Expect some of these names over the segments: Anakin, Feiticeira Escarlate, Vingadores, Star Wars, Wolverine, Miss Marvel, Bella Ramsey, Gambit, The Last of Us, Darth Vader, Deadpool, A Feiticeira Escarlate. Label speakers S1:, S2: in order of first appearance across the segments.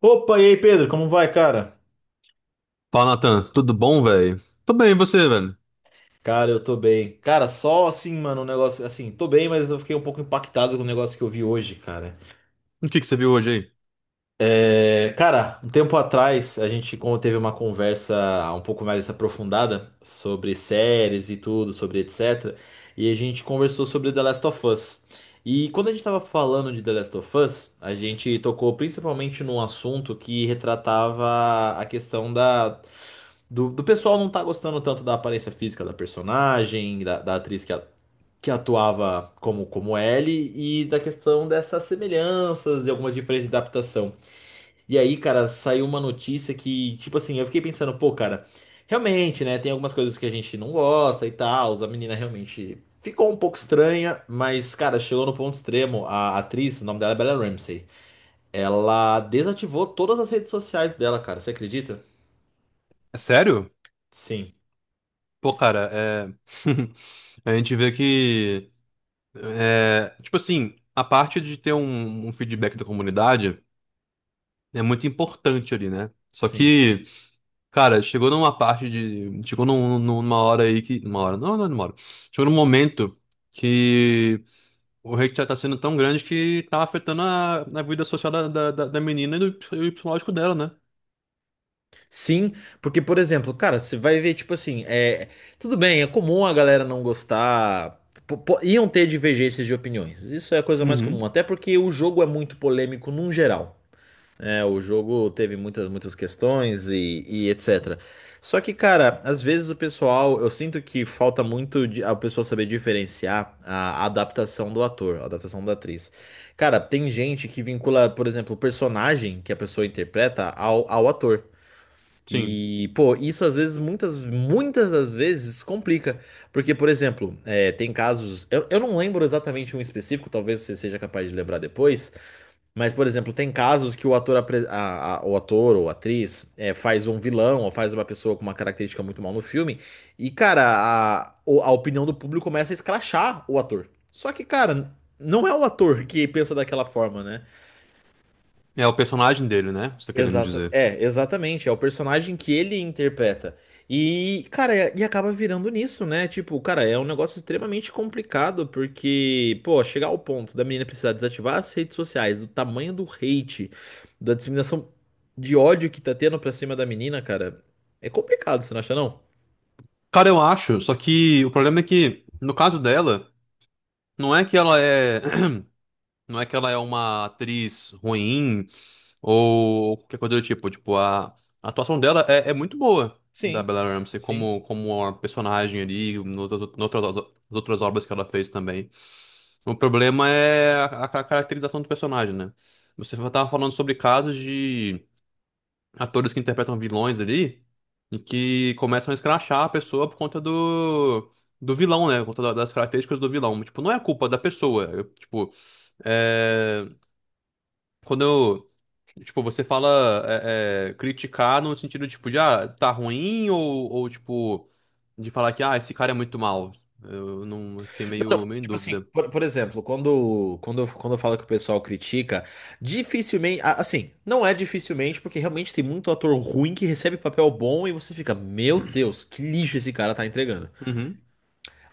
S1: Opa, e aí, Pedro, como vai, cara?
S2: Fala, Nathan. Tudo bom, velho? Tô bem, e você, velho?
S1: Cara, eu tô bem. Cara, só assim, mano, um negócio assim, tô bem, mas eu fiquei um pouco impactado com o negócio que eu vi hoje, cara.
S2: O que que você viu hoje aí?
S1: É, cara, um tempo atrás a gente como teve uma conversa um pouco mais aprofundada sobre séries e tudo, sobre etc. E a gente conversou sobre The Last of Us. E quando a gente tava falando de The Last of Us, a gente tocou principalmente num assunto que retratava a questão da do pessoal não tá gostando tanto da aparência física da personagem, da atriz que, que atuava como, como Ellie, e da questão dessas semelhanças e algumas diferenças de adaptação. E aí, cara, saiu uma notícia que, tipo assim, eu fiquei pensando, pô, cara, realmente, né, tem algumas coisas que a gente não gosta e tal, a menina realmente ficou um pouco estranha, mas, cara, chegou no ponto extremo. A atriz, o nome dela é Bella Ramsey, ela desativou todas as redes sociais dela, cara, você acredita?
S2: É sério?
S1: Sim,
S2: Pô, cara, é... A gente vê que... Tipo assim, a parte de ter um feedback da comunidade é muito importante ali, né? Só
S1: sim.
S2: que, cara, chegou numa parte de... Chegou numa hora aí que... Numa hora? Não, é numa hora. Chegou num momento que o hate já tá sendo tão grande que tá afetando a vida social da menina e do psicológico dela, né?
S1: Sim, porque, por exemplo, cara, você vai ver, tipo assim, é, tudo bem, é comum a galera não gostar, iam ter divergências de opiniões, isso é a coisa mais comum,
S2: Uhum.
S1: até porque o jogo é muito polêmico num geral, né? O jogo teve muitas, muitas questões e etc. Só que, cara, às vezes o pessoal, eu sinto que falta muito de, a pessoa saber diferenciar a adaptação do ator, a adaptação da atriz. Cara, tem gente que vincula, por exemplo, o personagem que a pessoa interpreta ao ator.
S2: Sim.
S1: E, pô, isso às vezes, muitas, muitas das vezes complica. Porque, por exemplo, é, tem casos. Eu não lembro exatamente um específico, talvez você seja capaz de lembrar depois. Mas, por exemplo, tem casos que o ator, o ator ou atriz é, faz um vilão ou faz uma pessoa com uma característica muito mal no filme. E, cara, a opinião do público começa a escrachar o ator. Só que, cara, não é o ator que pensa daquela forma, né?
S2: É o personagem dele, né? Você tá querendo
S1: Exata,
S2: dizer.
S1: é, exatamente. É o personagem que ele interpreta. E, cara, e acaba virando nisso, né? Tipo, cara, é um negócio extremamente complicado, porque, pô, chegar ao ponto da menina precisar desativar as redes sociais, do tamanho do hate, da disseminação de ódio que tá tendo pra cima da menina, cara, é complicado, você não acha, não?
S2: Cara, eu acho, só que o problema é que, no caso dela, não é que ela é. Não é que ela é uma atriz ruim ou qualquer coisa do tipo. Tipo, a atuação dela é muito boa, da
S1: Sim,
S2: Bella Ramsey,
S1: sim.
S2: como uma personagem ali, noutras as outras obras que ela fez também. O problema é a caracterização do personagem, né? Você tava falando sobre casos de atores que interpretam vilões ali e que começam a escrachar a pessoa por conta do, do vilão, né? Por conta das características do vilão. Tipo, não é a culpa da pessoa. Eu, tipo, é, quando eu. Tipo, você fala criticar no sentido, tipo, de, ah, tá ruim ou, tipo, de falar que, ah, esse cara é muito mal. Eu não eu fiquei meio em
S1: Tipo assim,
S2: dúvida.
S1: por exemplo, quando eu falo que o pessoal critica, dificilmente. Assim, não é dificilmente, porque realmente tem muito ator ruim que recebe papel bom e você fica, meu Deus, que lixo esse cara tá entregando.
S2: Uhum.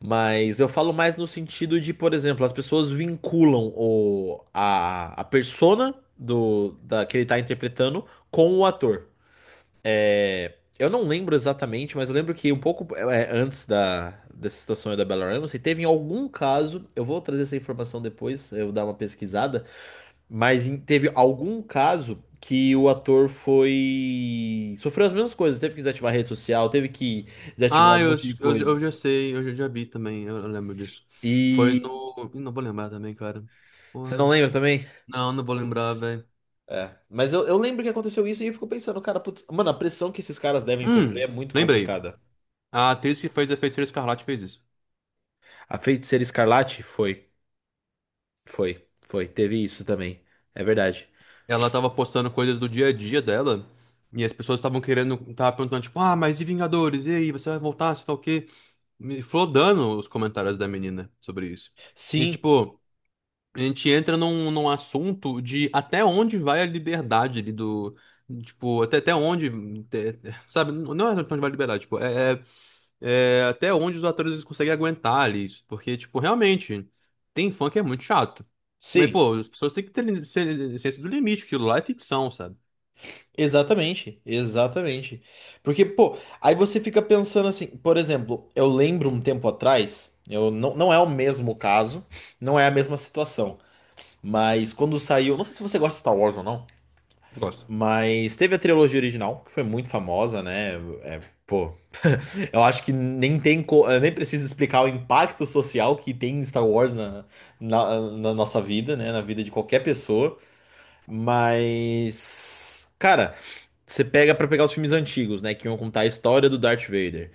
S1: Mas eu falo mais no sentido de, por exemplo, as pessoas vinculam a persona que ele tá interpretando com o ator. É, eu não lembro exatamente, mas eu lembro que um pouco é, antes da, dessa situação aí da Bella Ramsey, teve em algum caso, eu vou trazer essa informação depois, eu vou dar uma pesquisada, mas teve algum caso que o ator foi... sofreu as mesmas coisas, teve que desativar a rede social, teve que desativar
S2: Ah,
S1: um monte de coisa.
S2: eu já sei, já vi também, eu lembro disso. Foi
S1: E...
S2: no. Ih, não vou lembrar também, cara.
S1: Você não
S2: Porra.
S1: lembra também?
S2: Não, vou lembrar,
S1: Putz.
S2: velho.
S1: É, mas eu lembro que aconteceu isso e eu fico pensando, cara, putz, mano, a pressão que esses caras devem sofrer
S2: Hum,
S1: é muito
S2: lembrei.
S1: complicada.
S2: A atriz que fez a Feiticeira Escarlate fez isso.
S1: A Feiticeira Escarlate foi. Foi, foi, teve isso também. É verdade.
S2: Ela tava postando coisas do dia a dia dela. E as pessoas estavam querendo, tava perguntando, tipo, ah, mas e Vingadores? E aí, você vai voltar? Você tá o quê? Me flodando os comentários da menina sobre isso. E,
S1: Sim,
S2: tipo, a gente entra num assunto de até onde vai a liberdade ali do. Tipo, até onde. Sabe, não é até onde vai a liberdade, tipo, é, até onde os atores eles conseguem aguentar ali isso. Porque, tipo, realmente, tem fã que é muito chato. Mas,
S1: sim,
S2: pô, as pessoas têm que ter ciência do limite, aquilo lá é ficção, sabe?
S1: exatamente, exatamente. Porque, pô, aí você fica pensando assim, por exemplo, eu lembro um tempo atrás, eu não, não é o mesmo caso, não é a mesma situação, mas quando saiu, não sei se você gosta de Star Wars ou não,
S2: Gosto.
S1: mas teve a trilogia original, que foi muito famosa, né? É, pô, eu acho que nem tem, eu nem preciso explicar o impacto social que tem Star Wars na, na nossa vida, né? Na vida de qualquer pessoa. Mas, cara, você pega pra pegar os filmes antigos, né, que iam contar a história do Darth Vader.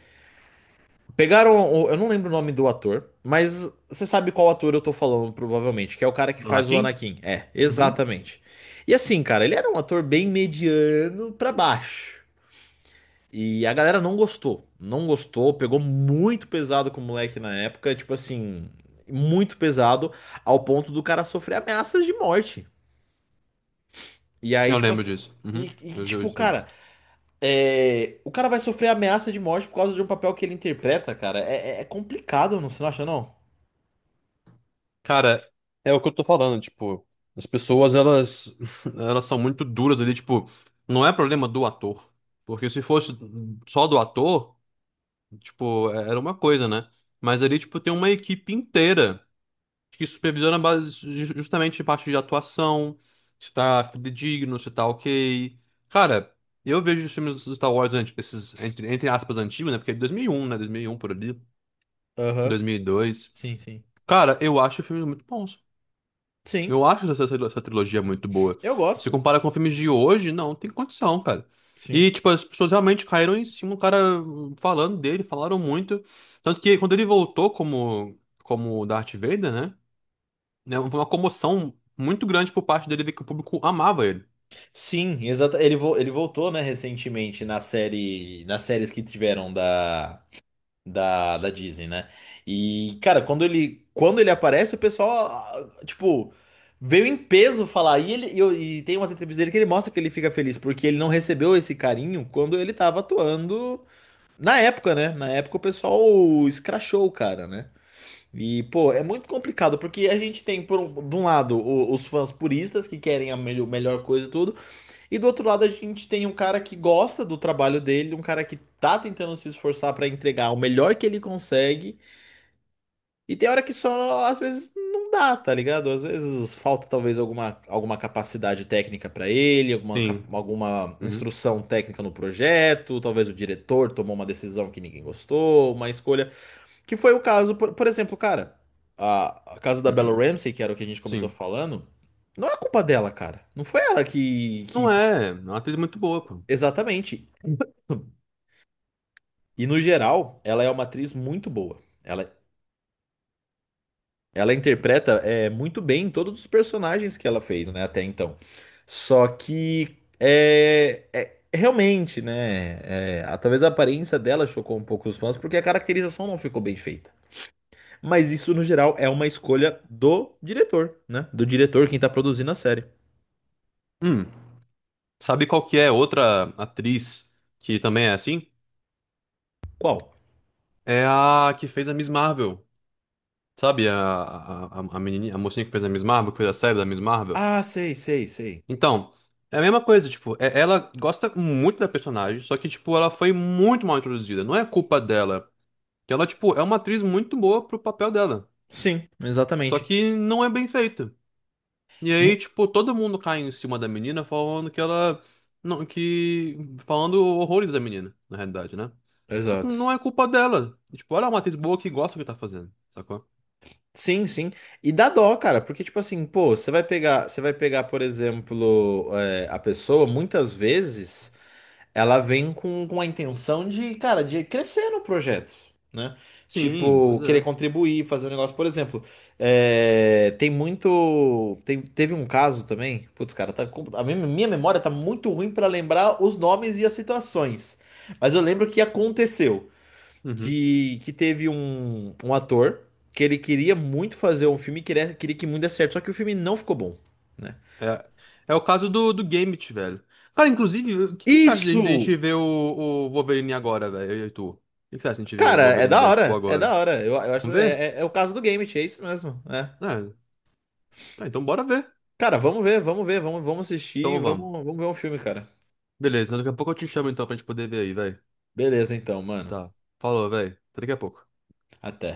S1: Pegaram, eu não lembro o nome do ator, mas você sabe qual ator eu tô falando, provavelmente, que é o cara que
S2: Do
S1: faz o
S2: Anakin?
S1: Anakin. É,
S2: Uhum.
S1: exatamente. E assim, cara, ele era um ator bem mediano pra baixo. E a galera não gostou. Não gostou, pegou muito pesado com o moleque na época, tipo assim, muito pesado, ao ponto do cara sofrer ameaças de morte. E aí,
S2: Eu
S1: tipo
S2: lembro
S1: assim,
S2: disso. Uhum. Eu
S1: tipo,
S2: lembro.
S1: cara, é, o cara vai sofrer ameaça de morte por causa de um papel que ele interpreta, cara. É, é complicado, não, você não acha, não?
S2: Cara, é o que eu tô falando, tipo, as pessoas, elas, elas são muito duras ali, tipo, não é problema do ator. Porque se fosse só do ator, tipo, era uma coisa, né? Mas ali, tipo, tem uma equipe inteira. Acho que supervisão é base justamente de parte de atuação, se tá fidedigno, se tá ok. Cara, eu vejo os filmes do Star Wars, esses, entre aspas, antigos, né? Porque é de 2001, né? 2001 por ali,
S1: Aham.
S2: 2002.
S1: Sim, sim.
S2: Cara, eu acho filmes muito bons.
S1: Sim,
S2: Eu acho essa trilogia muito boa.
S1: eu
S2: Se
S1: gosto.
S2: compara com filmes de hoje, não tem condição, cara.
S1: Sim.
S2: E, tipo, as pessoas realmente caíram em cima, o cara falando dele, falaram muito. Tanto que quando ele voltou como Darth Vader, né? Né, Foi uma comoção muito grande por parte dele ver que o público amava ele.
S1: Sim, exata. Ele, ele voltou, né, recentemente na série, nas séries que tiveram da, da Disney, né? E, cara, quando ele aparece, o pessoal, ah, ah, tipo, veio em peso falar. E, ele, e, e tem umas entrevistas dele que ele mostra que ele fica feliz, porque ele não recebeu esse carinho quando ele tava atuando. Na época, né? Na época o pessoal escrachou o cara, né? E, pô, é muito complicado, porque a gente tem, por um, de um lado, os fãs puristas que querem a melhor coisa e tudo, e do outro lado a gente tem um cara que gosta do trabalho dele, um cara que tá tentando se esforçar pra entregar o melhor que ele consegue, e tem hora que só, às vezes, não dá, tá ligado? Às vezes falta talvez alguma, alguma capacidade técnica pra ele, alguma,
S2: Sim.
S1: alguma
S2: Uhum.
S1: instrução técnica no projeto, talvez o diretor tomou uma decisão que ninguém gostou, uma escolha. Que foi o caso, por exemplo, cara, a caso da Bella Ramsey, que era o que a gente começou
S2: Sim.
S1: falando, não é culpa dela, cara. Não foi ela que...
S2: Não é, é uma atriz muito boa, pô.
S1: Exatamente. E no geral, ela é uma atriz muito boa. Ela ela interpreta é, muito bem todos os personagens que ela fez, né, até então. Só que é, realmente, né? É, talvez a aparência dela chocou um pouco os fãs, porque a caracterização não ficou bem feita. Mas isso, no geral, é uma escolha do diretor, né? Do diretor, quem tá produzindo a série.
S2: Hum, sabe qual que é outra atriz que também é assim?
S1: Qual?
S2: É a que fez a Miss Marvel. Sabe, a menininha, a mocinha que fez a Miss Marvel, que fez a série da Miss Marvel.
S1: Ah, sei, sei, sei.
S2: Então, é a mesma coisa, tipo, é- ela gosta muito da personagem, só que, tipo, ela foi muito mal introduzida. Não é culpa dela. Que ela, tipo, é uma atriz muito boa pro papel dela.
S1: Sim,
S2: Só
S1: exatamente.
S2: que não é bem feita. E aí,
S1: Mu-
S2: tipo, todo mundo cai em cima da menina falando que ela. Não, que. Falando horrores da menina, na realidade, né? Só que
S1: Exato.
S2: não é culpa dela. E, tipo, ela é uma atriz boa que gosta do que tá fazendo, sacou?
S1: Sim, sim. E dá dó, cara, porque tipo assim, pô, você vai pegar, por exemplo, é, a pessoa, muitas vezes ela vem com a intenção de, cara, de crescer no projeto, né?
S2: Sim, pois
S1: Tipo, querer
S2: é.
S1: contribuir, fazer um negócio, por exemplo, é, tem muito, teve um caso também, putz, cara, tá, a minha, minha memória tá muito ruim pra lembrar os nomes e as situações, mas eu lembro que aconteceu
S2: Uhum.
S1: de que teve um, um ator que ele queria muito fazer um filme, queria, queria que muito desse certo, só que o filme não ficou bom, né?
S2: É, é o caso do Gambit, velho. Cara, inclusive, o que, que você acha de a gente
S1: Isso!
S2: ver o Wolverine agora, velho? Eu e tu. O que, que você acha de a gente ver o
S1: Cara, é
S2: Wolverine
S1: da
S2: Deadpool
S1: hora, é da
S2: agora?
S1: hora. Eu acho que
S2: Vamos ver?
S1: é, é, é o caso do Gambit, é isso mesmo, né?
S2: É. Tá, então bora ver.
S1: Cara, vamos ver, vamos ver, vamos, vamos assistir,
S2: Então vamos.
S1: vamos, vamos ver um filme, cara.
S2: Beleza, daqui a pouco eu te chamo então pra gente poder ver aí, velho.
S1: Beleza, então, mano.
S2: Tá. Falou, velho. Até daqui a pouco.
S1: Até.